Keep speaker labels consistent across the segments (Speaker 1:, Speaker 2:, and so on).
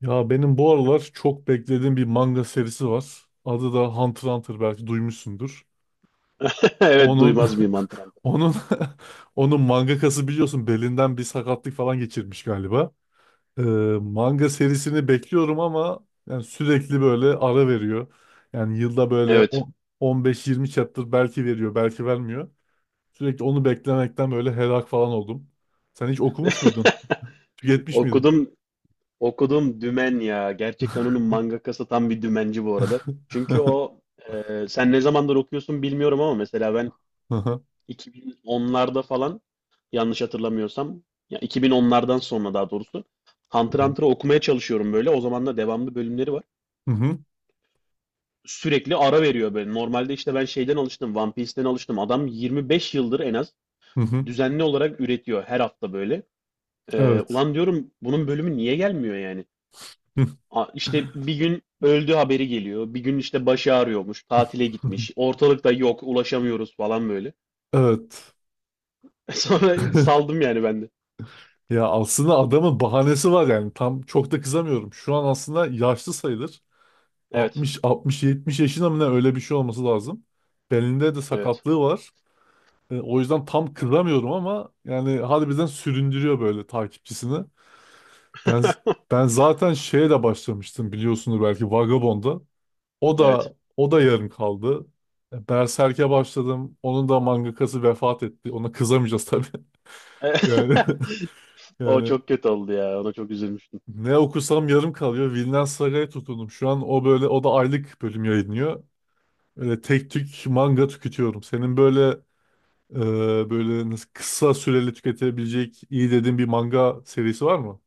Speaker 1: Ya benim bu aralar çok beklediğim bir manga serisi var. Adı da Hunter x Hunter, belki duymuşsundur.
Speaker 2: Evet,
Speaker 1: Onun
Speaker 2: duymaz mıyım Antran'da?
Speaker 1: onun onun mangakası, biliyorsun, belinden bir sakatlık falan geçirmiş galiba. Ee, Manga serisini bekliyorum ama yani sürekli böyle ara veriyor. Yani yılda böyle
Speaker 2: Evet.
Speaker 1: 15-20 chapter belki veriyor, belki vermiyor. Sürekli onu beklemekten böyle helak falan oldum. Sen hiç okumuş muydun? Tüketmiş miydin?
Speaker 2: Okudum okudum Dümen ya. Gerçekten onun mangakası tam bir dümenci bu arada. Çünkü o sen ne zamandır okuyorsun bilmiyorum, ama mesela ben
Speaker 1: Hı hı.
Speaker 2: 2010'larda falan, yanlış hatırlamıyorsam, ya 2010'lardan sonra daha doğrusu Hunter x Hunter'ı okumaya çalışıyorum böyle. O zaman da devamlı bölümleri var.
Speaker 1: Hı hı.
Speaker 2: Sürekli ara veriyor böyle. Normalde işte ben şeyden alıştım, One Piece'den alıştım. Adam 25 yıldır en az
Speaker 1: Hı hı.
Speaker 2: düzenli olarak üretiyor her hafta böyle.
Speaker 1: Evet.
Speaker 2: Ulan diyorum bunun bölümü niye gelmiyor yani? İşte bir gün öldü haberi geliyor. Bir gün işte başı ağrıyormuş. Tatile gitmiş. Ortalıkta yok. Ulaşamıyoruz falan böyle.
Speaker 1: Evet.
Speaker 2: Sonra saldım yani ben de.
Speaker 1: Ya aslında adamın bahanesi var yani. Tam çok da kızamıyorum. Şu an aslında yaşlı sayılır.
Speaker 2: Evet.
Speaker 1: 60 60 70 yaşında mı ne, öyle bir şey olması lazım. Belinde de
Speaker 2: Evet.
Speaker 1: sakatlığı var. E, o yüzden tam kızamıyorum ama yani harbiden süründürüyor böyle takipçisini. Ben ben zaten şeye de başlamıştım, biliyorsunuz belki, Vagabond'a. O
Speaker 2: Evet.
Speaker 1: da o da yarım kaldı. E, Berserk'e başladım. Onun da mangakası vefat etti. Ona kızamayacağız tabii. Yani
Speaker 2: O
Speaker 1: Yani
Speaker 2: çok kötü oldu ya. Ona çok üzülmüştüm.
Speaker 1: ne okusam yarım kalıyor. Vinland Saga'ya tutundum. Şu an o böyle, o da aylık bölüm yayınlıyor. Öyle tek tük manga tüketiyorum. Senin böyle e, böyle nasıl kısa süreli tüketebilecek iyi dediğin bir manga serisi var mı?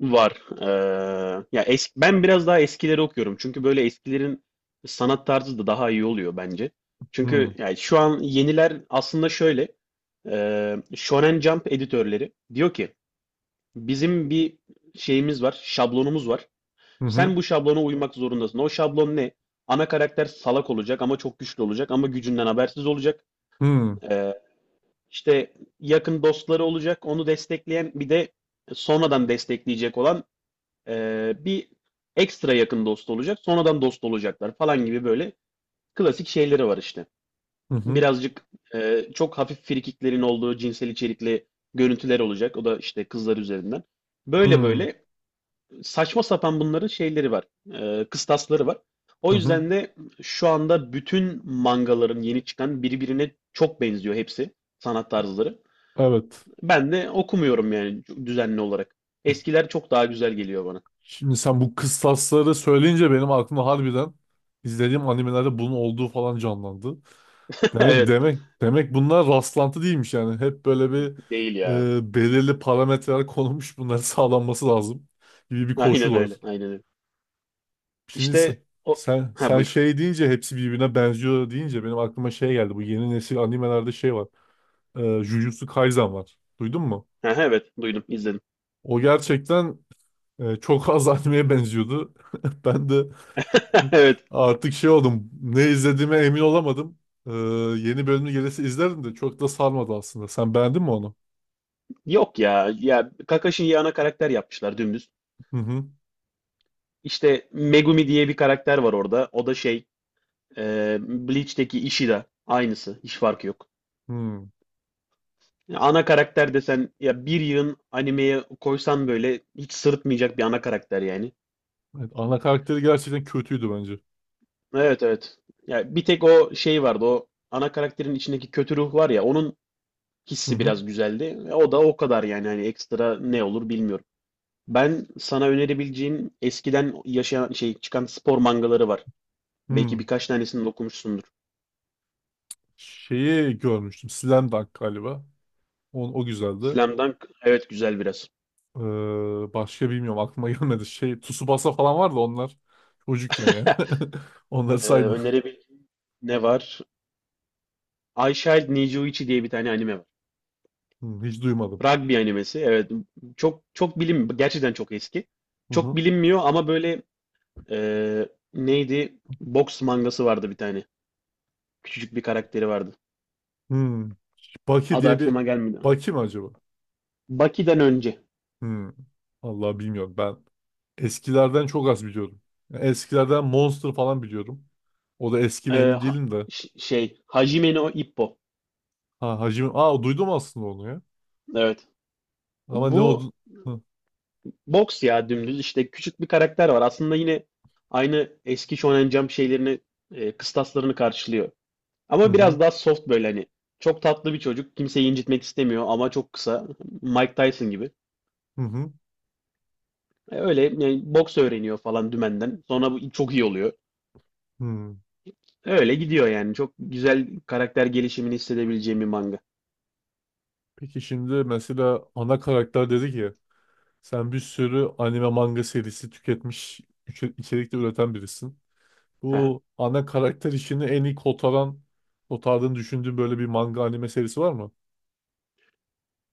Speaker 2: Var. Ya ben biraz daha eskileri okuyorum. Çünkü böyle eskilerin sanat tarzı da daha iyi oluyor bence.
Speaker 1: Hmm.
Speaker 2: Çünkü yani şu an yeniler aslında şöyle. Shonen Jump editörleri diyor ki bizim bir şeyimiz var, şablonumuz var.
Speaker 1: Hı hı.
Speaker 2: Sen bu şablona uymak zorundasın. O şablon ne? Ana karakter salak olacak ama çok güçlü olacak ama gücünden habersiz olacak.
Speaker 1: Hmm.
Speaker 2: Eee işte yakın dostları olacak. Onu destekleyen bir de sonradan destekleyecek olan bir ekstra yakın dost olacak, sonradan dost olacaklar falan gibi böyle klasik şeyleri var işte.
Speaker 1: Hı hı.
Speaker 2: Birazcık çok hafif frikiklerin olduğu cinsel içerikli görüntüler olacak. O da işte kızlar üzerinden. Böyle
Speaker 1: Hmm.
Speaker 2: böyle saçma sapan bunların şeyleri var, kıstasları var.
Speaker 1: Hı
Speaker 2: O
Speaker 1: hı.
Speaker 2: yüzden de şu anda bütün mangaların yeni çıkan birbirine çok benziyor, hepsi sanat tarzları.
Speaker 1: Evet.
Speaker 2: Ben de okumuyorum yani düzenli olarak. Eskiler çok daha güzel geliyor bana.
Speaker 1: Şimdi sen bu kıstasları söyleyince benim aklımda harbiden izlediğim animelerde bunun olduğu falan canlandı. Demek
Speaker 2: Evet,
Speaker 1: demek demek bunlar rastlantı değilmiş yani. Hep böyle bir
Speaker 2: değil ya.
Speaker 1: belirli parametreler konulmuş, bunların sağlanması lazım gibi bir
Speaker 2: Aynen
Speaker 1: koşul var.
Speaker 2: öyle. Aynen öyle.
Speaker 1: Şimdi
Speaker 2: İşte o,
Speaker 1: sen
Speaker 2: ha
Speaker 1: sen
Speaker 2: buyur.
Speaker 1: şey deyince, hepsi birbirine benziyor deyince, benim aklıma şey geldi. Bu yeni nesil animelerde şey var. E, Jujutsu Kaisen var. Duydun mu?
Speaker 2: Ha, evet, duydum, izledim.
Speaker 1: O gerçekten çok az animeye benziyordu. Ben de
Speaker 2: Evet.
Speaker 1: artık şey oldum. Ne izlediğime emin olamadım. E, yeni bölümü gelirse izlerim de çok da sarmadı aslında. Sen beğendin mi onu?
Speaker 2: Yok ya. Ya Kakashi'yi ana karakter yapmışlar dümdüz.
Speaker 1: Hı hı.
Speaker 2: İşte Megumi diye bir karakter var orada. O da şey, Bleach'teki Ishida. Aynısı. Hiç farkı yok.
Speaker 1: Hı.
Speaker 2: Ya ana karakter desen, ya bir yığın animeye koysan böyle hiç sırıtmayacak bir ana karakter yani.
Speaker 1: Evet, ana karakteri gerçekten kötüydü bence.
Speaker 2: Evet, evet. Ya bir tek o şey vardı, o ana karakterin içindeki kötü ruh var ya, onun
Speaker 1: Hı
Speaker 2: hissi
Speaker 1: hı.
Speaker 2: biraz güzeldi. O da o kadar yani, hani ekstra ne olur bilmiyorum. Ben sana önerebileceğim eskiden yaşayan şey, çıkan spor mangaları var. Belki
Speaker 1: Hı.
Speaker 2: birkaç tanesini de okumuşsundur.
Speaker 1: Şeyi görmüştüm, Slam Dunk galiba. O, o güzeldi.
Speaker 2: Slam Dunk, evet, güzel biraz.
Speaker 1: Başka bilmiyorum, aklıma gelmedi. Şey Tsubasa falan vardı onlar. Çocukken yani. Onları sayma.
Speaker 2: Önerebileceğim ne var? I Child Nijiuichi diye bir tane anime var.
Speaker 1: Hı, hiç duymadım.
Speaker 2: Rugby animesi. Evet, çok çok bilim, gerçekten çok eski.
Speaker 1: Hı
Speaker 2: Çok
Speaker 1: hı.
Speaker 2: bilinmiyor ama böyle, e, neydi? Boks mangası vardı bir tane. Küçücük bir karakteri vardı.
Speaker 1: Hı. Baki
Speaker 2: Adı
Speaker 1: diye bir,
Speaker 2: aklıma gelmedi.
Speaker 1: Baki mi acaba?
Speaker 2: Baki'den önce.
Speaker 1: Hı. Allah bilmiyorum ben. Eskilerden çok az biliyorum. Yani eskilerden Monster falan biliyorum. O da eski mi
Speaker 2: Ee,
Speaker 1: emin
Speaker 2: ha-
Speaker 1: değilim de.
Speaker 2: Şey, Hajime no Ippo.
Speaker 1: Ha Hacı... Aa, duydum aslında onu ya.
Speaker 2: Evet.
Speaker 1: Ama ne
Speaker 2: Bu
Speaker 1: oldu? Hı
Speaker 2: boks ya, dümdüz işte küçük bir karakter var. Aslında yine aynı eski Shonen Jump şeylerini, kıstaslarını karşılıyor.
Speaker 1: hı,
Speaker 2: Ama
Speaker 1: hı
Speaker 2: biraz daha soft böyle, hani. Çok tatlı bir çocuk. Kimseyi incitmek istemiyor ama çok kısa. Mike Tyson gibi.
Speaker 1: hı.
Speaker 2: Öyle yani boks öğreniyor falan dümenden. Sonra bu çok iyi oluyor.
Speaker 1: Hı, hı.
Speaker 2: Öyle gidiyor yani. Çok güzel karakter gelişimini hissedebileceğim bir manga.
Speaker 1: Peki şimdi mesela ana karakter dedi ki, sen bir sürü anime manga serisi tüketmiş, içerikte üreten birisin.
Speaker 2: Aha.
Speaker 1: Bu ana karakter işini en iyi kotardığını düşündüğün böyle bir manga anime serisi var mı?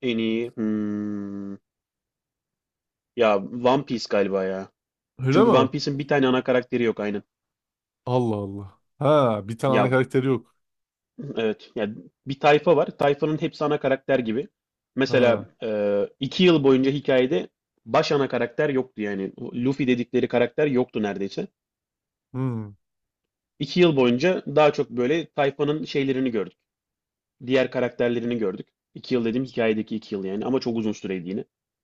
Speaker 2: En iyi. Ya One Piece galiba ya.
Speaker 1: Öyle
Speaker 2: Çünkü
Speaker 1: mi?
Speaker 2: One Piece'in bir tane ana karakteri yok aynen.
Speaker 1: Allah Allah. Ha, bir tane ana
Speaker 2: Ya
Speaker 1: karakteri yok.
Speaker 2: evet. Ya bir tayfa var. Tayfanın hepsi ana karakter gibi.
Speaker 1: Ha.
Speaker 2: Mesela iki yıl boyunca hikayede baş ana karakter yoktu yani. O Luffy dedikleri karakter yoktu neredeyse.
Speaker 1: Hmm.
Speaker 2: İki yıl boyunca daha çok böyle tayfanın şeylerini gördük. Diğer karakterlerini gördük. İki yıl dediğim hikayedeki iki yıl yani. Ama çok uzun süreydi yine.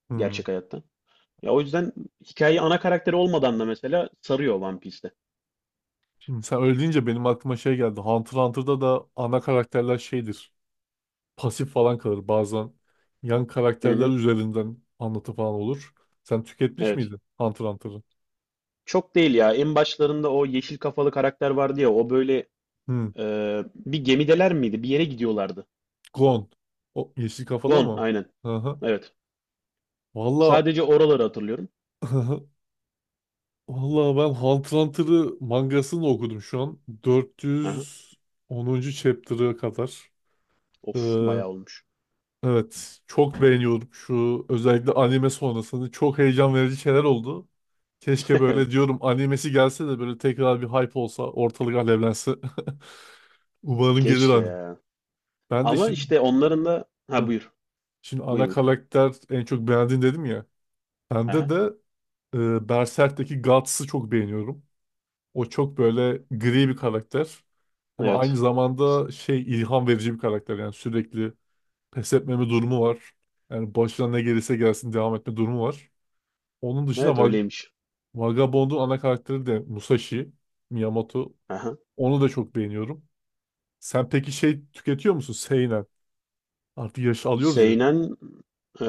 Speaker 1: Hmm.
Speaker 2: Gerçek hayatta. Ya o yüzden hikaye ana karakteri olmadan da mesela sarıyor One Piece'te.
Speaker 1: Şimdi sen öyle deyince benim aklıma şey geldi. Hunter x Hunter'da da ana karakterler şeydir, pasif falan kalır. Bazen yan
Speaker 2: Hı
Speaker 1: karakterler
Speaker 2: hı.
Speaker 1: üzerinden anlatı falan olur. Sen tüketmiş
Speaker 2: Evet.
Speaker 1: miydin Hunter x Hunter'ı?
Speaker 2: Çok değil ya. En başlarında o yeşil kafalı karakter vardı ya. O böyle
Speaker 1: Hmm.
Speaker 2: bir gemideler miydi? Bir yere gidiyorlardı.
Speaker 1: Gon. O yeşil kafalı
Speaker 2: Gon,
Speaker 1: mı?
Speaker 2: aynen.
Speaker 1: Hı hı.
Speaker 2: Evet.
Speaker 1: Valla
Speaker 2: Sadece oraları hatırlıyorum.
Speaker 1: valla ben Hunter x Hunter'ı, mangasını okudum şu an.
Speaker 2: Aha.
Speaker 1: 410. chapter'a kadar.
Speaker 2: Of,
Speaker 1: Ee,
Speaker 2: bayağı olmuş.
Speaker 1: evet. Çok beğeniyorum, şu özellikle anime sonrasında çok heyecan verici şeyler oldu. Keşke
Speaker 2: Evet.
Speaker 1: böyle diyorum, animesi gelse de böyle tekrar bir hype olsa, ortalık alevlense. Umarım gelir
Speaker 2: Keşke
Speaker 1: hanım.
Speaker 2: ya.
Speaker 1: Ben de
Speaker 2: Ama
Speaker 1: şimdi
Speaker 2: işte onların da...
Speaker 1: Heh.
Speaker 2: Ha buyur.
Speaker 1: Şimdi
Speaker 2: Buyur,
Speaker 1: ana
Speaker 2: buyur.
Speaker 1: karakter en çok beğendiğin dedim ya. Bende
Speaker 2: Aha.
Speaker 1: de Berserk'teki Guts'ı çok beğeniyorum. O çok böyle gri bir karakter. Ama aynı
Speaker 2: Evet.
Speaker 1: zamanda şey, ilham verici bir karakter. Yani sürekli pes etmeme durumu var. Yani başına ne gelirse gelsin devam etme durumu var. Onun dışında
Speaker 2: Evet, öyleymiş.
Speaker 1: Vagabond'un ana karakteri de Musashi Miyamoto.
Speaker 2: Aha.
Speaker 1: Onu da çok beğeniyorum. Sen peki şey tüketiyor musun? Seinen. Artık yaş alıyoruz ya.
Speaker 2: Seinen... e,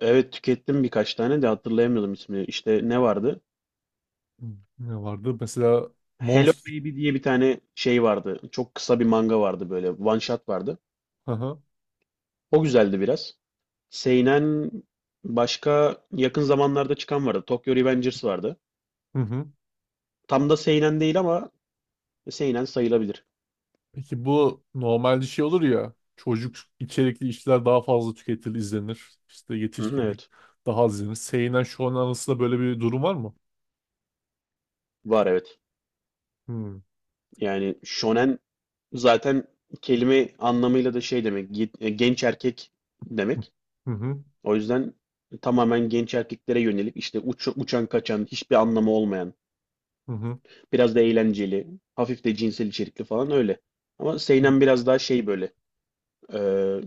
Speaker 2: evet, tükettim birkaç tane de hatırlayamıyordum ismini. İşte ne vardı?
Speaker 1: Hmm, ne vardı? Mesela
Speaker 2: Hello
Speaker 1: Monster.
Speaker 2: Baby diye bir tane şey vardı. Çok kısa bir manga vardı böyle. One shot vardı.
Speaker 1: Hı hı.
Speaker 2: O güzeldi biraz. Seinen, başka yakın zamanlarda çıkan vardı. Tokyo Revengers vardı.
Speaker 1: Hı hı.
Speaker 2: Tam da seinen değil ama seinen sayılabilir.
Speaker 1: Peki bu normalde şey olur ya, çocuk içerikli işler daha fazla tüketilir, izlenir. İşte
Speaker 2: Hı hı,
Speaker 1: yetişkinlik
Speaker 2: evet.
Speaker 1: daha az izlenir. Seinen şu an arasında böyle bir durum var mı?
Speaker 2: Var, evet.
Speaker 1: Hmm.
Speaker 2: Yani shonen zaten kelime anlamıyla da şey demek. Genç erkek demek.
Speaker 1: Hı hı.
Speaker 2: O yüzden tamamen genç erkeklere yönelik, işte uçan kaçan hiçbir anlamı olmayan,
Speaker 1: Hı hı.
Speaker 2: biraz da eğlenceli, hafif de cinsel içerikli falan öyle. Ama seinen biraz daha şey böyle. Ee,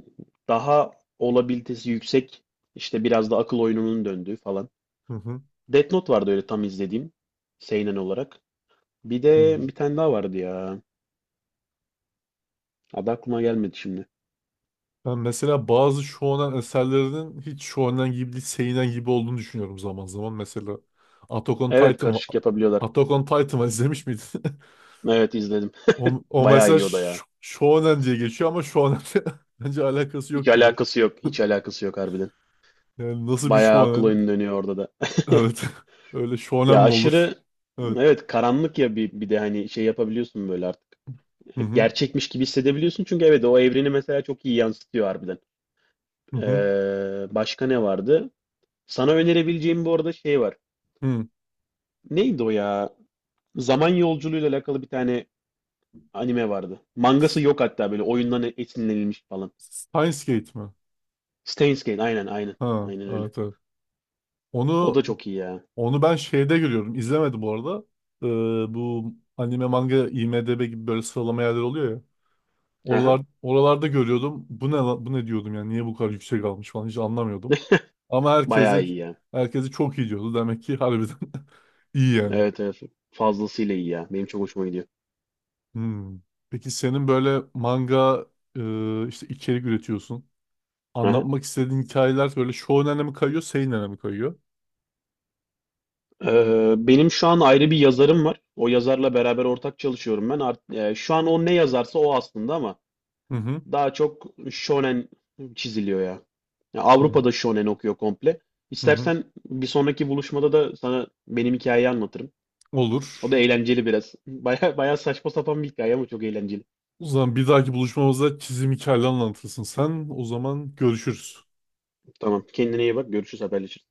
Speaker 2: daha olabilitesi yüksek, işte biraz da akıl oyununun döndüğü falan.
Speaker 1: Hı hı.
Speaker 2: Death Note vardı öyle, tam izlediğim seinen olarak. Bir
Speaker 1: Hı, hı.
Speaker 2: de bir tane daha vardı ya. Adı aklıma gelmedi şimdi.
Speaker 1: Ben mesela bazı shonen eserlerinin hiç shonen gibi değil, seinen gibi olduğunu düşünüyorum zaman zaman. Mesela Attack on
Speaker 2: Evet,
Speaker 1: Titan var.
Speaker 2: karışık yapabiliyorlar.
Speaker 1: Attack on Titan var, izlemiş miydin?
Speaker 2: Evet, izledim.
Speaker 1: O, o
Speaker 2: Bayağı
Speaker 1: mesela
Speaker 2: iyi o da ya.
Speaker 1: Shonen diye geçiyor ama Shonen bence alakası
Speaker 2: Hiç
Speaker 1: yok gibi.
Speaker 2: alakası yok. Hiç alakası yok harbiden.
Speaker 1: Yani nasıl bir
Speaker 2: Bayağı akıl
Speaker 1: Shonen?
Speaker 2: oyunu dönüyor orada da.
Speaker 1: Evet. Öyle Shonen
Speaker 2: Ya
Speaker 1: mi olur?
Speaker 2: aşırı,
Speaker 1: Evet.
Speaker 2: evet, karanlık ya, bir, bir de hani şey yapabiliyorsun böyle artık.
Speaker 1: Hı hı.
Speaker 2: Gerçekmiş gibi hissedebiliyorsun, çünkü evet, o evreni mesela çok iyi yansıtıyor harbiden.
Speaker 1: Hı hı.
Speaker 2: Başka ne vardı? Sana önerebileceğim bu arada şey var.
Speaker 1: Hı.
Speaker 2: Neydi o ya? Zaman yolculuğuyla alakalı bir tane anime vardı. Mangası yok hatta, böyle oyundan esinlenilmiş falan.
Speaker 1: Steins Gate mi?
Speaker 2: Steins Gate, aynen, aynen.
Speaker 1: Ha,
Speaker 2: Aynen öyle.
Speaker 1: evet evet.
Speaker 2: O da
Speaker 1: Onu
Speaker 2: çok iyi ya.
Speaker 1: Onu ben şeyde görüyorum. İzlemedim bu arada. Bu anime manga IMDb gibi böyle sıralama yerleri oluyor.
Speaker 2: Aha.
Speaker 1: Oralarda görüyordum. Bu ne bu ne diyordum yani, niye bu kadar yüksek almış falan, hiç anlamıyordum. Ama
Speaker 2: Bayağı iyi ya.
Speaker 1: herkese çok iyi diyordu. Demek ki harbiden iyi yani.
Speaker 2: Evet, evet. Fazlasıyla iyi ya. Benim çok hoşuma gidiyor.
Speaker 1: Hmm. Peki senin böyle manga işte içerik üretiyorsun.
Speaker 2: Aha.
Speaker 1: Anlatmak istediğin hikayeler böyle shonen'e mi kayıyor, seinen'e mi kayıyor?
Speaker 2: Benim şu an ayrı bir yazarım var. O yazarla beraber ortak çalışıyorum ben. Şu an o ne yazarsa o aslında, ama
Speaker 1: Hı hı.
Speaker 2: daha çok shonen çiziliyor ya. Ya
Speaker 1: Hı
Speaker 2: Avrupa'da shonen okuyor komple.
Speaker 1: hı. Hı.
Speaker 2: İstersen bir sonraki buluşmada da sana benim hikayeyi anlatırım. O
Speaker 1: Olur.
Speaker 2: da eğlenceli biraz. Baya baya saçma sapan bir hikaye ama çok eğlenceli.
Speaker 1: O zaman bir dahaki buluşmamızda çizim hikayeleri anlatırsın sen. O zaman görüşürüz.
Speaker 2: Tamam. Kendine iyi bak. Görüşürüz, haberleşiriz.